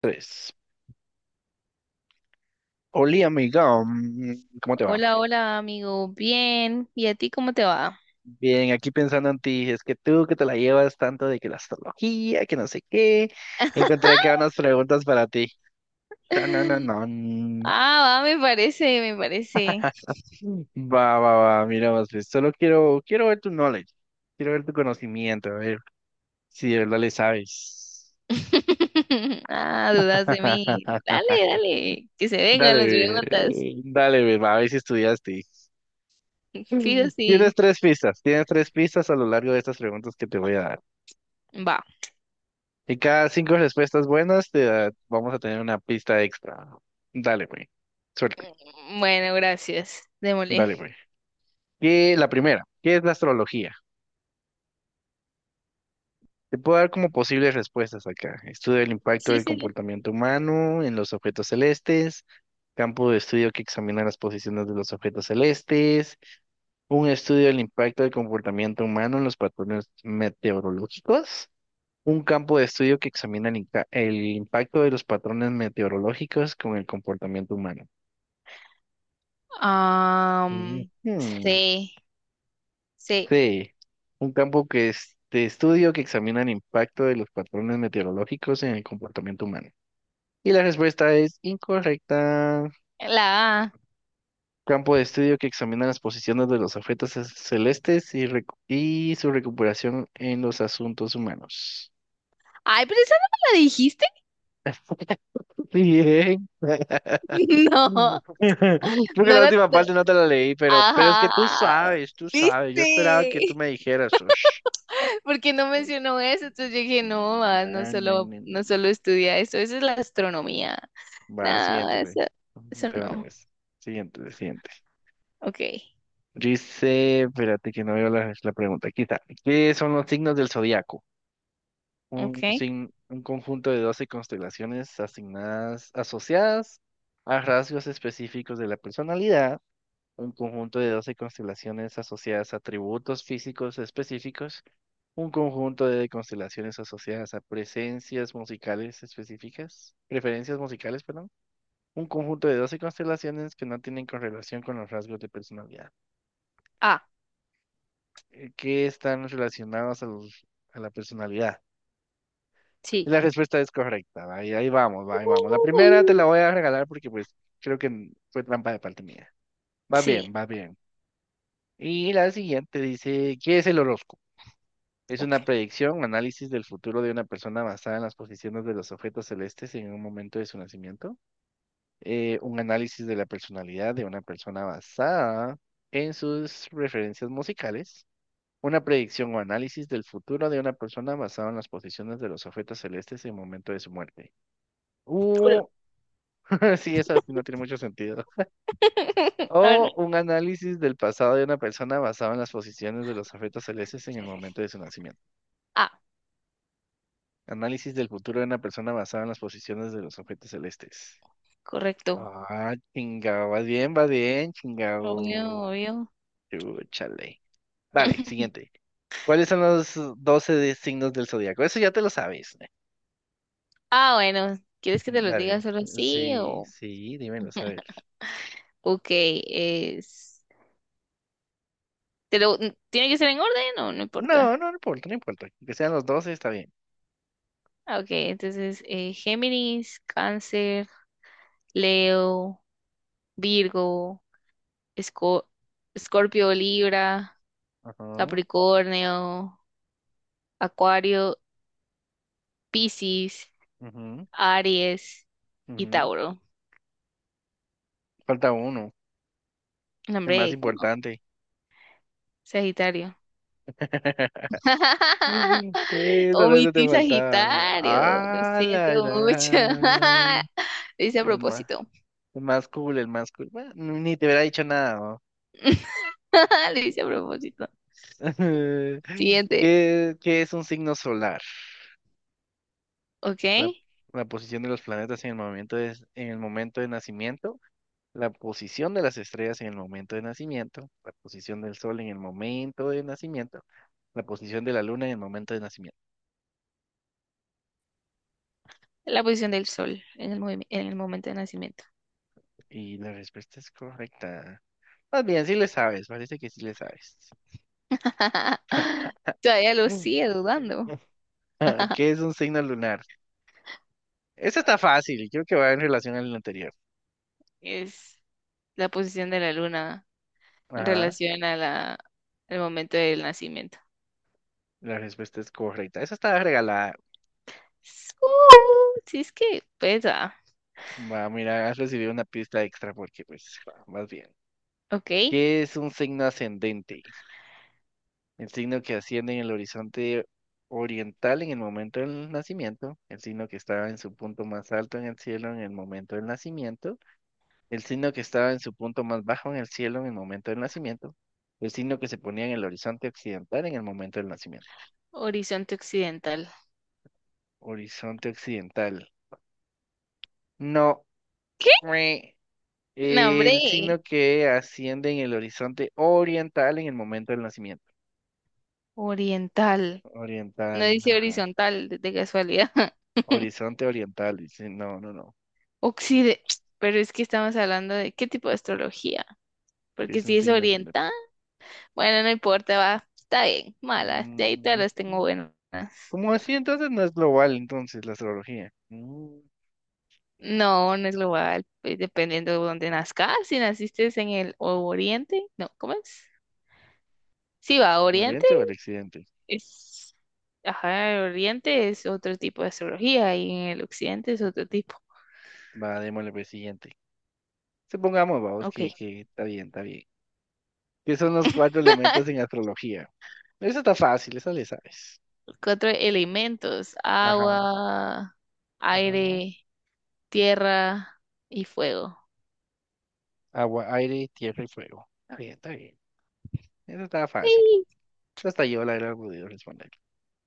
Tres. Oli, amiga, ¿cómo te va? Hola, hola, amigo. Bien. ¿Y a ti cómo te va? Bien, aquí pensando en ti, es que tú que te la llevas tanto de que la astrología, que no sé qué, encontré acá unas preguntas para ti. Tanananán. Ah, va, me parece, me parece. Va, va, va, mira, más bien, solo quiero, quiero ver tu knowledge, quiero ver tu conocimiento, a ver si de verdad le sabes. Ah, dudas de mí. Dale, dale, que se vengan Dale, las preguntas. Dale, ve, va, a ver si estudiaste. Mm. Fijo, sí. Tienes tres pistas a lo largo de estas preguntas que te voy a dar. Va. Y cada cinco respuestas buenas vamos a tener una pista extra. Dale, güey. Suerte. Bueno, gracias. Démosle. Dale, güey. Y la primera, ¿qué es la astrología? Te puedo dar como posibles respuestas acá. Estudio del impacto Sí, del sí, sí. comportamiento humano en los objetos celestes, campo de estudio que examina las posiciones de los objetos celestes, un estudio del impacto del comportamiento humano en los patrones meteorológicos, un campo de estudio que examina el impacto de los patrones meteorológicos con el comportamiento humano. Am, Ujú, sí, sí. sí, un campo que es de estudio que examina el impacto de los patrones meteorológicos en el comportamiento humano. Y la respuesta es incorrecta. La A. Campo de estudio que examina las posiciones de los objetos celestes y su recuperación en los asuntos humanos. Ay, pero esa no me la dijiste. Bien. No, Creo que no la la, última no. parte no te la leí, pero es que Ajá. tú sabes, tú sabes. Yo ¿Viste? esperaba que tú me dijeras: "Ush". Porque no mencionó eso, entonces yo dije, no, ah, no solo, no solo estudia eso, eso es la astronomía. Va, No, siguiente, güey. eso De una no. vez. Siguiente, siguiente. Ok. Dice, espérate que no veo la pregunta. Aquí está. ¿Qué son los signos del zodiaco? Un, Ok. sin un conjunto de 12 constelaciones asociadas a rasgos específicos de la personalidad, un conjunto de 12 constelaciones asociadas a atributos físicos específicos, un conjunto de constelaciones asociadas a preferencias musicales, perdón. Un conjunto de 12 constelaciones que no tienen correlación con los rasgos de personalidad, Ah, que están relacionados a la personalidad. Y sí. la respuesta es correcta, va, y ahí vamos, va, ahí vamos. La primera te la Uh, voy a regalar porque pues creo que fue trampa de parte mía. Va bien, sí, va bien. Y la siguiente dice, ¿qué es el horóscopo? Es ok. una predicción, un análisis del futuro de una persona basada en las posiciones de los objetos celestes en un momento de su nacimiento. Un análisis de la personalidad de una persona basada en sus referencias musicales, una predicción o análisis del futuro de una persona basado en las posiciones de los objetos celestes en el momento de su muerte. Cool. Uh, sí, esa sí no tiene mucho sentido. Ahora, O un análisis del pasado de una persona basado en las posiciones de los objetos celestes en el momento de su nacimiento. ah, Análisis del futuro de una persona basado en las posiciones de los objetos celestes. correcto. Ah, chingado, va bien, Obvio, chingado. obvio. Chúchale. Vale, siguiente. ¿Cuáles son los 12 signos del zodiaco? Eso ya te lo sabes, ¿eh? Ah, bueno, ¿quieres que te lo diga Vale. solo así Sí, o...? sí, dímelo, a ver. Ok, es... ¿Te lo... n- ¿Tiene que ser en orden o no No, importa? no, no importa, no importa. Que sean los 12 está bien. Ah, ok, entonces Géminis, Cáncer, Leo, Virgo, Esco- Escorpio, Libra, Ajá, Capricornio, Acuario, Piscis, ujú, Aries y ujú. Tauro. Falta uno, el más Nombre, ¿cómo? importante. Sagitario. Sí, solo eso te Omití faltaba. Sagitario, lo Ah, siento la mucho. gran. Lo hice a El más, propósito. el más cool, el más cool. Bueno, ni te hubiera dicho nada, ¿no? Lo hice a propósito. Siguiente, ¿Qué es un signo solar? ¿ok? La, la posición de los planetas en el momento de nacimiento, la posición de las estrellas en el momento de nacimiento, la posición del sol en el momento de nacimiento, la posición de la luna en el momento de nacimiento. La posición del sol en el, movim- en el momento de nacimiento. Y la respuesta es correcta. Más bien, sí le sabes, parece que sí le sabes. Todavía lo Mm. sigue dudando. Ah, ¿qué es un signo lunar? Esa está fácil, creo que va en relación al anterior. Es la posición de la luna en Ajá, relación a la, el momento del nacimiento. la respuesta es correcta. Esa está regalada. Si es que pesa. Va, mira, has recibido una pista extra porque pues va, vas bien. Ok, ¿Qué es un signo ascendente? El signo que asciende en el horizonte oriental en el momento del nacimiento, el signo que estaba en su punto más alto en el cielo en el momento del nacimiento, el signo que estaba en su punto más bajo en el cielo en el momento del nacimiento, el signo que se ponía en el horizonte occidental en el momento del nacimiento. horizonte occidental. Horizonte occidental. No. ¿Qué? Mue. No, El hombre, signo que asciende en el horizonte oriental en el momento del nacimiento. oriental. No Oriental, dice ajá. horizontal de casualidad. Horizonte oriental, dice, no, no, no, Occide. Pero es que estamos hablando de qué tipo de astrología. que Porque es un si es signo ascendente. oriental, bueno, no importa, va. Está bien, malas. De ahí todas Mm, las tengo buenas. ¿Cómo así? Entonces no es global, entonces, la astrología. No, no es global, pues, dependiendo de dónde nazcas. Si naciste en el o- Oriente, no, ¿cómo es? Sí, va, ¿El Oriente ¿Oriente o el occidente? es, ajá, el Oriente es otro tipo de astrología y en el Occidente es otro tipo. Va, démosle por el siguiente. Supongamos, vamos, Ok. que está bien, está bien. ¿Qué son los cuatro elementos en astrología? Eso está fácil, eso le sabes. Cuatro elementos: Ajá, agua, ajá. aire, tierra y fuego. Agua, aire, tierra y fuego. Está bien, está bien. Eso está fácil. Sí. Eso hasta yo la he podido responder.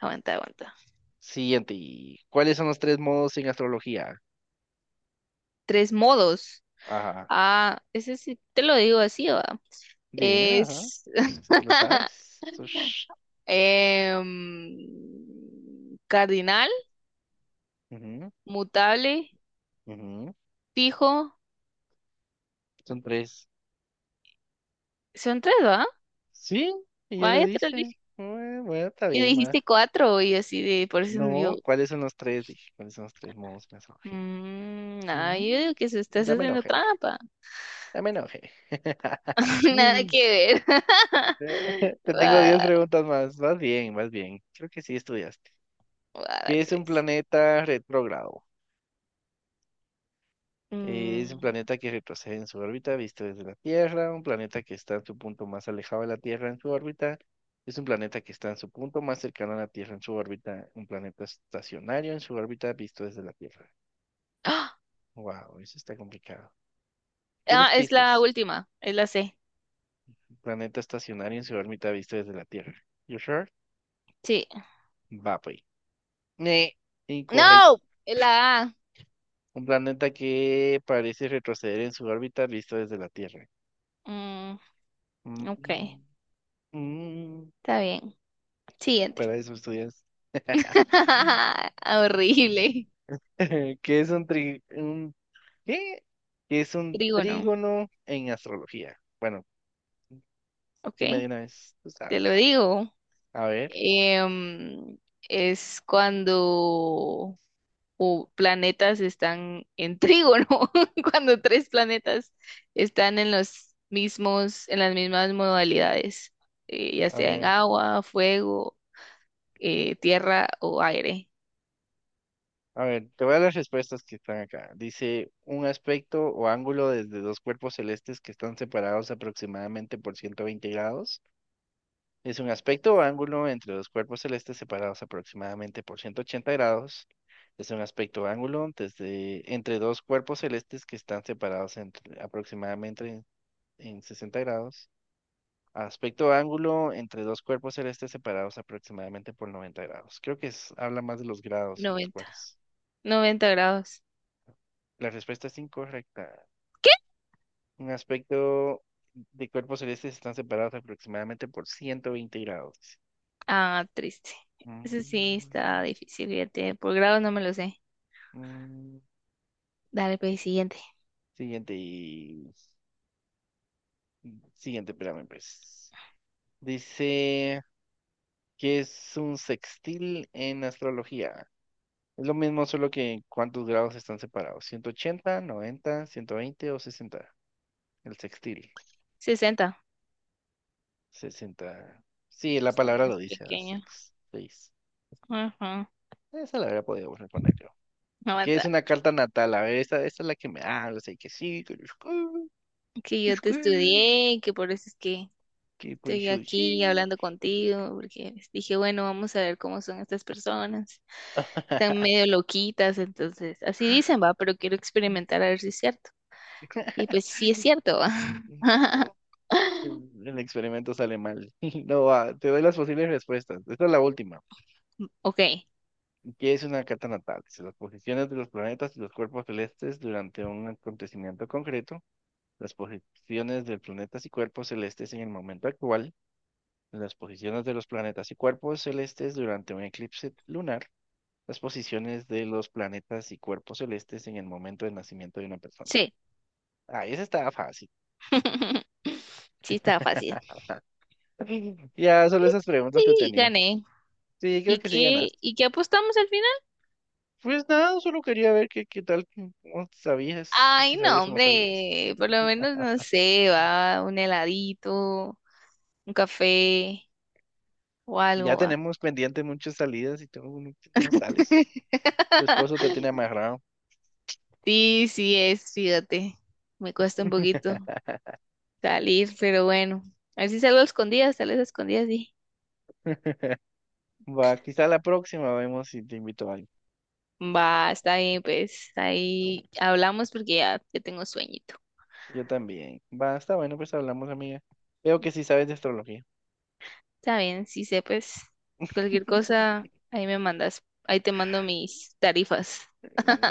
Aguanta, aguanta. Siguiente. ¿Cuáles son los tres modos en astrología? Tres modos. Ajá. Ah, ese sí, te lo digo así, va. Dímela, ajá. Es ¿Te lo sabes? Cardinal, Ujú, mutable, ujú. fijo. Son tres. Son tres, ¿va? Sí, ella Ah, lo ya te lo dice. dije. Bueno, bueno, está Y bien, ma. dijiste cuatro y así de, por eso No, yo, ¿cuáles son los tres? Dije, ¿cuáles son los tres modos de mensajería? No, yo Mm, digo que se estás ya me haciendo enojé, trampa. ya me enojé. Nada Mm. que ver. Te tengo 10 Va, preguntas más. Vas bien, vas bien. Creo que sí estudiaste. va, ¿Qué dale, es un ves. planeta retrógrado? Es un Mm. planeta que retrocede en su órbita visto desde la Tierra, un planeta que está en su punto más alejado de la Tierra en su órbita, es un planeta que está en su punto más cercano a la Tierra en su órbita, un planeta estacionario en su órbita visto desde la Tierra. ¡Ah! Wow, eso está complicado. Ah, ¿Tienes es la pistas? última, es la C. Un planeta estacionario en su órbita visto desde la Tierra. You sure? Sí. Va, pues. Ne, incorrecto. No, es la A. Un planeta que parece retroceder en su órbita visto desde la Tierra. Mm, Mm, ok, mm, está bien. Siguiente. Para eso estudias. Horrible. ¿Qué es un un qué? ¿Qué es un Trígono. trígono en astrología? Bueno, Ok, dime de una vez, tú te lo sabes. digo. A ver, Em, es cuando u- planetas están en trígono, cuando tres planetas están en los mismos, en las mismas modalidades, ya a sea en ver, agua, fuego, tierra o aire. a ver, te voy a las respuestas que están acá. Dice un aspecto o ángulo desde dos cuerpos celestes que están separados aproximadamente por 120 grados. Es un aspecto o ángulo entre dos cuerpos celestes separados aproximadamente por 180 grados. Es un aspecto o ángulo desde, entre dos cuerpos celestes que están separados aproximadamente en 60 grados. Aspecto o ángulo entre dos cuerpos celestes separados aproximadamente por 90 grados. Creo que habla más de los grados en los 90, cuales. 90 grados. La respuesta es incorrecta. ¿Qué? Un aspecto de cuerpos celestes están separados aproximadamente por 120 grados. Ah, triste. Eso sí está Mm, difícil, fíjate. Por grados no me lo sé. mm. Dale, pues, siguiente. Siguiente y... Siguiente, espérame, pues. Dice que es un sextil en astrología. Es lo mismo, solo que cuántos grados están separados: 180, 90, 120 o 60. El sextil. 60. 60. Sí, la Está palabra lo más dice. Ah, pequeño. sex, seis. Ajá. Esa la habría podido poner yo. Que es Aguanta, una carta natal. A ver, esta es la que me habla. Sé que sí, que los que, que yo los te que, estudié, que por eso es que que por estoy eso aquí sí. hablando contigo, porque dije, bueno, vamos a ver cómo son estas personas. Están medio loquitas, entonces, así dicen, va, pero quiero experimentar a ver si es cierto. Y pues sí es cierto, va. No, el experimento sale mal. No, va, te doy las posibles respuestas. Esta es la última. Ok, ¿Qué es una carta natal? Es las posiciones de los planetas y los cuerpos celestes durante un acontecimiento concreto, las posiciones de planetas y cuerpos celestes en el momento actual, las posiciones de los planetas y cuerpos celestes durante un eclipse lunar, las posiciones de los planetas y cuerpos celestes en el momento del nacimiento de una persona. sí. Ah, esa estaba fácil. Sí está fácil. Ya, solo esas preguntas te Y tenía. gané. Sí, creo que sí ganaste. Y qué apostamos al final? Pues nada, solo quería ver qué tal, cómo sabías, Ay, si no, sabías o no sabías. hombre, por lo menos no sé, va, un heladito, un café. O Ya algo. Ah. tenemos pendiente muchas salidas y tú no sales. Tu esposo te tiene amarrado. Sí, sí es, fíjate. Me cuesta un poquito salir, pero bueno. A ver si salgo a escondidas, tal vez a escondidas, sí. Va, quizá la próxima vemos si te invito a alguien. Va, está bien, pues. Ahí hablamos porque ya, ya tengo sueñito. Yo también. Va, está bueno, pues hablamos, amiga. Veo que sí sabes de astrología. Está bien, sí sé, pues. Cualquier cosa, ahí me mandas. Ahí te mando mis tarifas.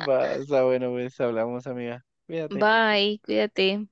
Va, está bueno, pues hablamos, amiga. Cuídate. Bye, cuídate.